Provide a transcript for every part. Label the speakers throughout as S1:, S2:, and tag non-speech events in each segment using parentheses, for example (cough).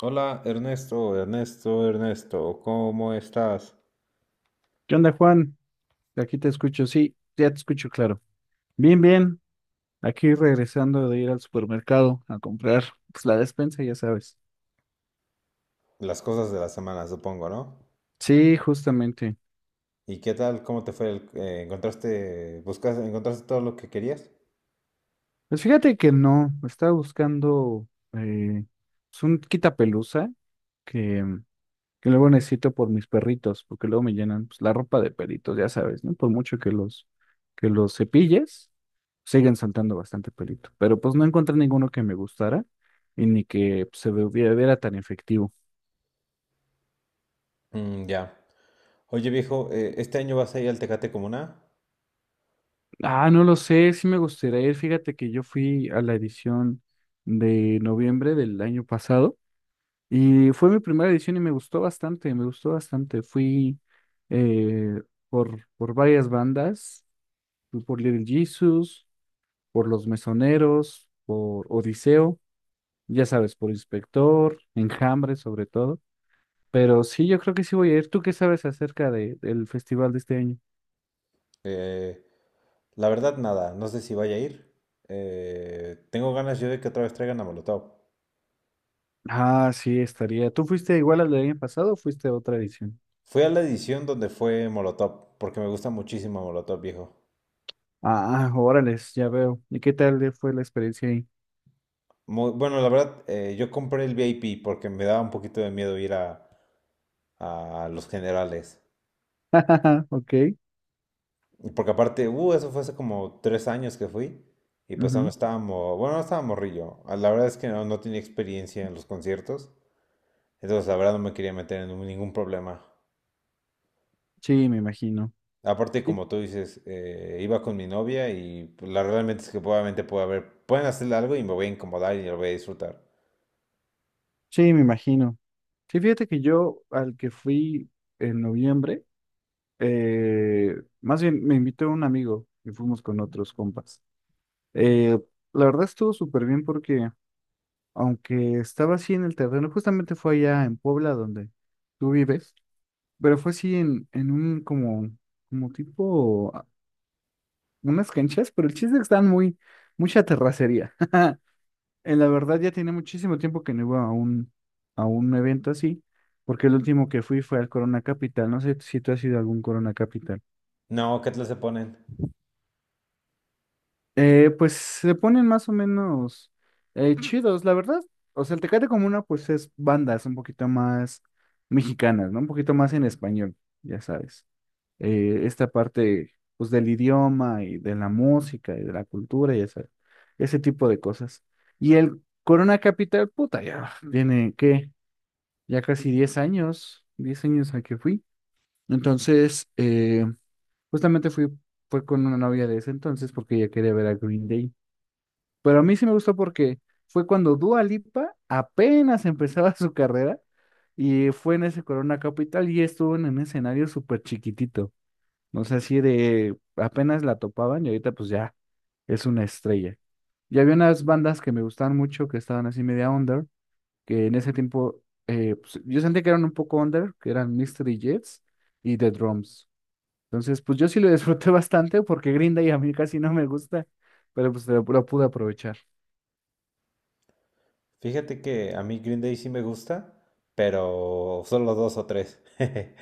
S1: Hola Ernesto, Ernesto, Ernesto, ¿cómo estás?
S2: ¿Qué onda, Juan? Aquí te escucho, sí, ya te escucho claro. Bien, bien, aquí regresando de ir al supermercado a comprar pues, la despensa, ya sabes.
S1: Las cosas de la semana, supongo, ¿no?
S2: Sí, justamente.
S1: ¿Y qué tal? ¿Cómo te fue? ¿Encontraste, buscas, encontraste todo lo que querías?
S2: Pues fíjate que no, estaba buscando eh, pues, un quitapelusa que, que luego necesito por mis perritos, porque luego me llenan pues, la ropa de perritos, ya sabes, ¿no? Por mucho que los cepilles, siguen saltando bastante pelito. Pero pues no encontré ninguno que me gustara y ni que pues, se viera tan efectivo.
S1: Mm, ya. Oye viejo, ¿este año vas a ir al Tecate Comuna?
S2: Ah, no lo sé, sí me gustaría ir. Fíjate que yo fui a la edición de noviembre del año pasado y fue mi primera edición y me gustó bastante, me gustó bastante. Fui eh, por varias bandas, fui por Little Jesus, por Los Mesoneros, por Odiseo, ya sabes, por Inspector, Enjambre sobre todo. Pero sí, yo creo que sí voy a ir. ¿Tú qué sabes acerca del festival de este año?
S1: Eh, la verdad, nada, no sé si vaya a ir. Tengo ganas yo de que otra vez traigan a Molotov.
S2: Ah, sí, estaría. ¿Tú fuiste igual al del año pasado o fuiste a otra edición?
S1: Fui a la edición donde fue Molotov, porque me gusta muchísimo Molotov, viejo.
S2: Ah, órale, ya veo. ¿Y qué tal le fue la experiencia ahí?
S1: Bueno, la verdad, yo compré el VIP porque me daba un poquito de miedo ir a los generales.
S2: (laughs) Ok.
S1: Y porque aparte, eso fue hace como tres años que fui. Y pues aún
S2: Ujú.
S1: estábamos, bueno, no estaba morrillo. Ah, la verdad es que no, no tenía experiencia en los conciertos. Entonces, la verdad, no me quería meter en ningún problema.
S2: Sí, me imagino.
S1: Aparte,
S2: Sí,
S1: como tú dices, iba con mi novia y pues, la realmente es que probablemente puede haber, pueden hacerle algo y me voy a incomodar y lo voy a disfrutar.
S2: sí, me imagino. Sí, fíjate que yo al que fui en noviembre, eh, más bien me invitó un amigo y fuimos con otros compas. Eh, la verdad estuvo súper bien porque aunque estaba así en el terreno, justamente fue allá en Puebla donde tú vives, pero fue así en, un como tipo unas canchas, pero el chiste es que están mucha terracería. (laughs) En la verdad ya tiene muchísimo tiempo que no iba a un evento así, porque el último que fui fue al Corona Capital. No sé si tú has ido a algún Corona Capital.
S1: No, ¿qué tal se ponen?
S2: Pues se ponen más o menos chidos, la verdad. O sea, el Tecate Comuna pues es bandas un poquito más mexicanas, ¿no? Un poquito más en español, ya sabes. Esta parte pues del idioma y de la música y de la cultura y ese tipo de cosas. Y el Corona Capital, puta, ya tiene, ¿qué? Ya casi 10 años, 10 años a que fui. Entonces, justamente fue con una novia de ese entonces porque ella quería ver a Green Day. Pero a mí sí me gustó porque fue cuando Dua Lipa apenas empezaba (laughs) su carrera y fue en ese Corona Capital y estuvo en un escenario súper chiquitito. O sea, así de apenas la topaban y ahorita pues ya es una estrella. Y había unas bandas que me gustaban mucho que estaban así media under, que en ese tiempo pues, yo sentí que eran un poco under, que eran Mystery Jets y The Drums. Entonces, pues yo sí lo (laughs) disfruté bastante porque Green Day a mí casi no me gusta, pero pues lo pude aprovechar.
S1: Fíjate que a mí Green Day sí me gusta, pero solo dos o tres. (laughs)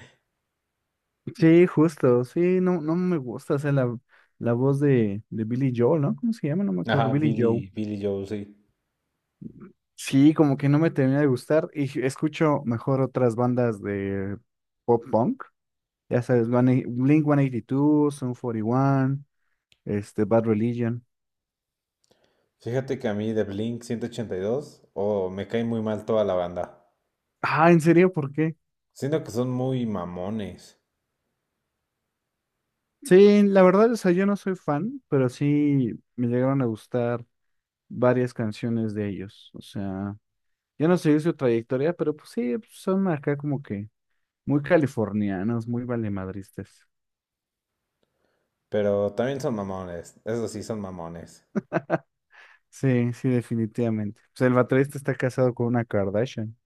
S2: Sí, justo, sí, no, no me gusta, o sea, la, la voz de Billy Joel, ¿no? ¿Cómo se llama? No me acuerdo,
S1: Ajá,
S2: Billy Joe.
S1: Billy Joel, sí.
S2: Sí, como que no me termina de gustar y escucho mejor otras bandas de pop punk. Ya sabes, Blink 182, Sum 41, este, Bad Religion.
S1: Fíjate que a mí de Blink 182, oh, me cae muy mal toda la banda.
S2: Ah, ¿en serio? ¿Por qué?
S1: Siento que son muy mamones,
S2: Sí, la verdad, o sea, yo no soy fan, pero sí me llegaron a gustar varias canciones de ellos. O sea, yo no sé su trayectoria, pero pues sí, son acá como que muy californianos, muy valemadristas.
S1: pero también son mamones, eso sí, son mamones.
S2: Sí, sí, definitivamente. Pues el baterista está casado con una Kardashian.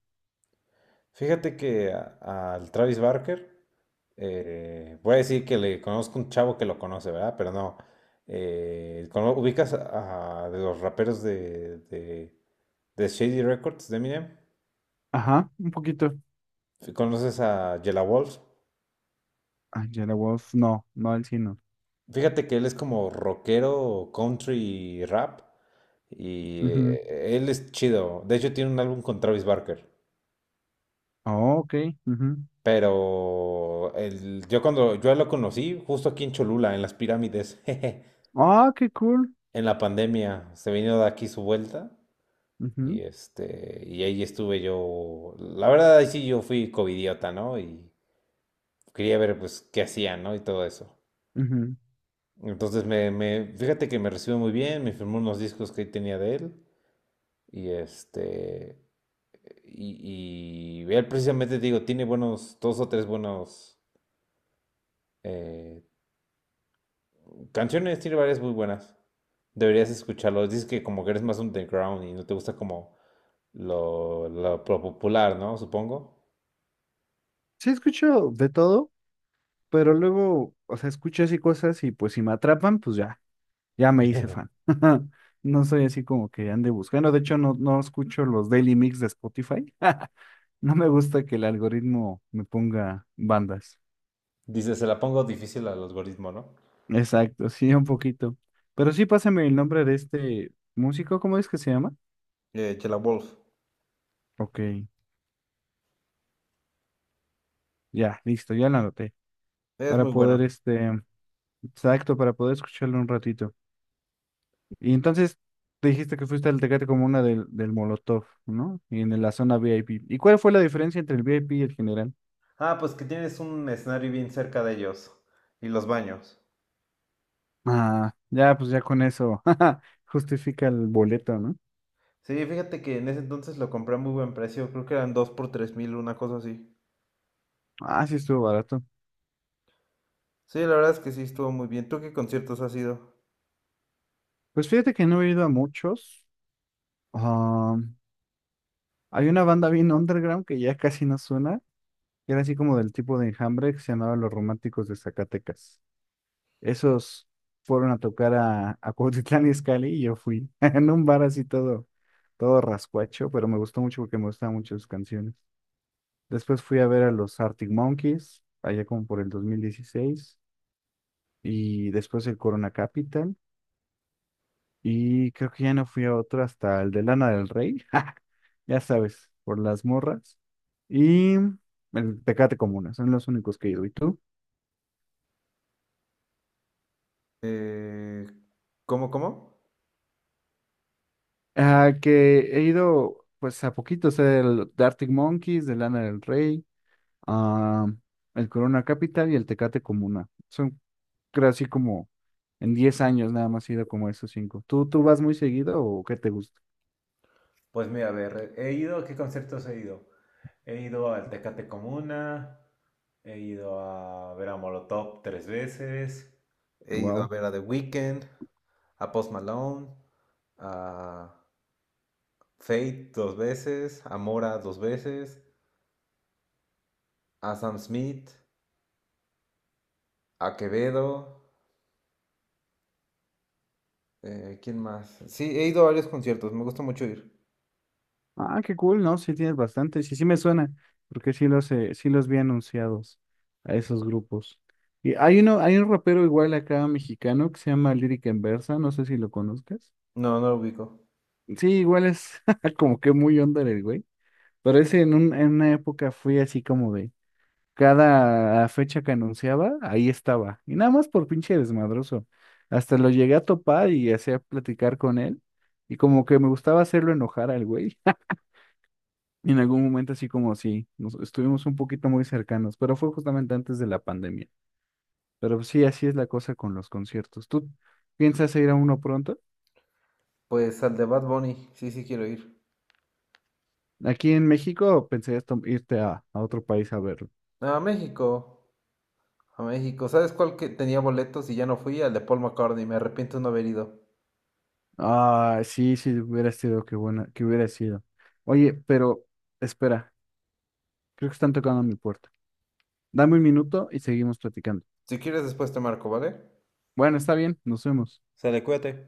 S1: Fíjate que al Travis Barker, voy a decir que le conozco un chavo que lo conoce, ¿verdad? Pero no. ¿Ubicas a de los raperos de Shady Records, de Eminem?
S2: Ajá, un poquito.
S1: ¿Conoces a Jella Wolf?
S2: Angela Wolf, no, no el sino.
S1: Fíjate que él es como rockero, country, rap. Y
S2: Ujú.
S1: él es chido. De hecho, tiene un álbum con Travis Barker.
S2: Oh, ok. Ujú.
S1: Pero yo cuando yo lo conocí, justo aquí en Cholula, en las pirámides, (laughs) jeje,
S2: Ah, qué cool.
S1: en la pandemia, se vino de aquí su vuelta. Y
S2: Ujú,
S1: este, y ahí estuve yo. La verdad, ahí sí yo fui covidiota, ¿no? Y quería ver pues qué hacían, ¿no? Y todo eso.
S2: ujú.
S1: Entonces fíjate que me recibió muy bien, me firmó unos discos que tenía de él. Y este, y él precisamente, te digo, tiene buenos, dos o tres buenos eh, canciones, tiene varias muy buenas. Deberías escucharlo. Dices que como que eres más underground y no te gusta como lo popular, ¿no? Supongo.
S2: Sí, escucho de todo, pero luego, o sea, escucho así cosas y pues si me atrapan, pues ya, ya me hice fan. (laughs) No soy así como que ande buscando. De hecho, no, no escucho los Daily Mix de Spotify. (laughs) No me gusta que el algoritmo me ponga bandas.
S1: Dices se la pongo difícil al algoritmo, ¿no?
S2: Exacto, sí, un poquito. Pero sí, pásame el nombre de este músico, ¿cómo es que se llama?
S1: Chela Wolf.
S2: Ok. Ya, listo, ya lo anoté.
S1: Es
S2: Para
S1: muy
S2: poder,
S1: bueno.
S2: este, exacto, para poder escucharlo un ratito. Y entonces, te dijiste que fuiste al Tecate Comuna del Molotov, ¿no? Y en la zona VIP. ¿Y cuál fue la diferencia entre el VIP y el general?
S1: Ah, pues que tienes un escenario bien cerca de ellos. Y los baños.
S2: Ah, ya, pues ya con eso, (laughs) justifica el boleto, ¿no?
S1: Sí, fíjate que en ese entonces lo compré a muy buen precio. Creo que eran 2 por 3000, una cosa así.
S2: Ah, sí, estuvo barato.
S1: Sí, la verdad es que sí estuvo muy bien. ¿Tú qué conciertos has ido?
S2: Pues fíjate que no he ido a muchos. Ah, hay una banda bien underground que ya casi no suena, que era así como del tipo de Enjambre que se llamaba Los Románticos de Zacatecas. Esos fueron a tocar a Cuautitlán Izcalli y yo fui (laughs) en un bar así todo, todo rascuacho, pero me gustó mucho porque me gustaban mucho sus canciones. Después fui a ver a los Arctic Monkeys, allá como por el 2016 y después el Corona Capital, y creo que ya no fui a otro hasta el de Lana del Rey, (laughs) ja, ya sabes, por las morras, y el Tecate Comuna, son los únicos que he ido. ¿Y tú?
S1: Eh, ¿Cómo, cómo?
S2: Ah, que he ido pues a poquito, o sea, el The Arctic Monkeys, de Lana del Rey, ah, el Corona Capital y el Tecate Comuna. Son creo así como en 10 años nada más he ido como a esos cinco. ¿Tú vas muy seguido o qué te gusta?
S1: Pues mira, a ver, he ido, ¿a qué conciertos he ido? He ido al Tecate Comuna, he ido a ver a Molotov tres veces. He ido a
S2: Wow.
S1: ver a The Weeknd, a Post Malone, a Fate dos veces, a Mora dos veces, a Sam Smith, a Quevedo, ¿quién más? Sí, he ido a varios conciertos, me gusta mucho ir.
S2: Ah, qué cool, ¿no? Sí tienes bastante, sí, sí me suena, porque sí los vi anunciados a esos grupos. Y hay un rapero igual acá mexicano que se llama Lyric Enversa, no sé si lo conozcas.
S1: No, no lo ubico.
S2: Sí, igual es (laughs) como que muy onda el güey. Pero ese en una época fui así como de cada fecha que anunciaba, ahí estaba. Y nada más por pinche desmadroso. Hasta lo llegué a topar y hacía platicar con él. Y como que me gustaba hacerlo enojar al güey. (laughs) En algún momento así como si nos estuvimos un poquito muy cercanos, pero fue justamente antes de la pandemia. Pero pues sí, así es la cosa con los conciertos. ¿Tú piensas ir a uno pronto?
S1: Pues al de Bad Bunny, sí, sí quiero ir.
S2: Aquí en México pensarías irte a otro país a verlo.
S1: No, a México, a México. ¿Sabes cuál que tenía boletos y ya no fui? Al de Paul McCartney, me arrepiento de no haber ido.
S2: Ah, sí, sí, hubiera sido, qué buena, que hubiera sido. Oye, pero espera, creo que están tocando a mi puerta. Dame un minuto y seguimos platicando.
S1: Si quieres después te marco, ¿vale?
S2: Bueno, está bien, nos vemos.
S1: Sale, cuídate.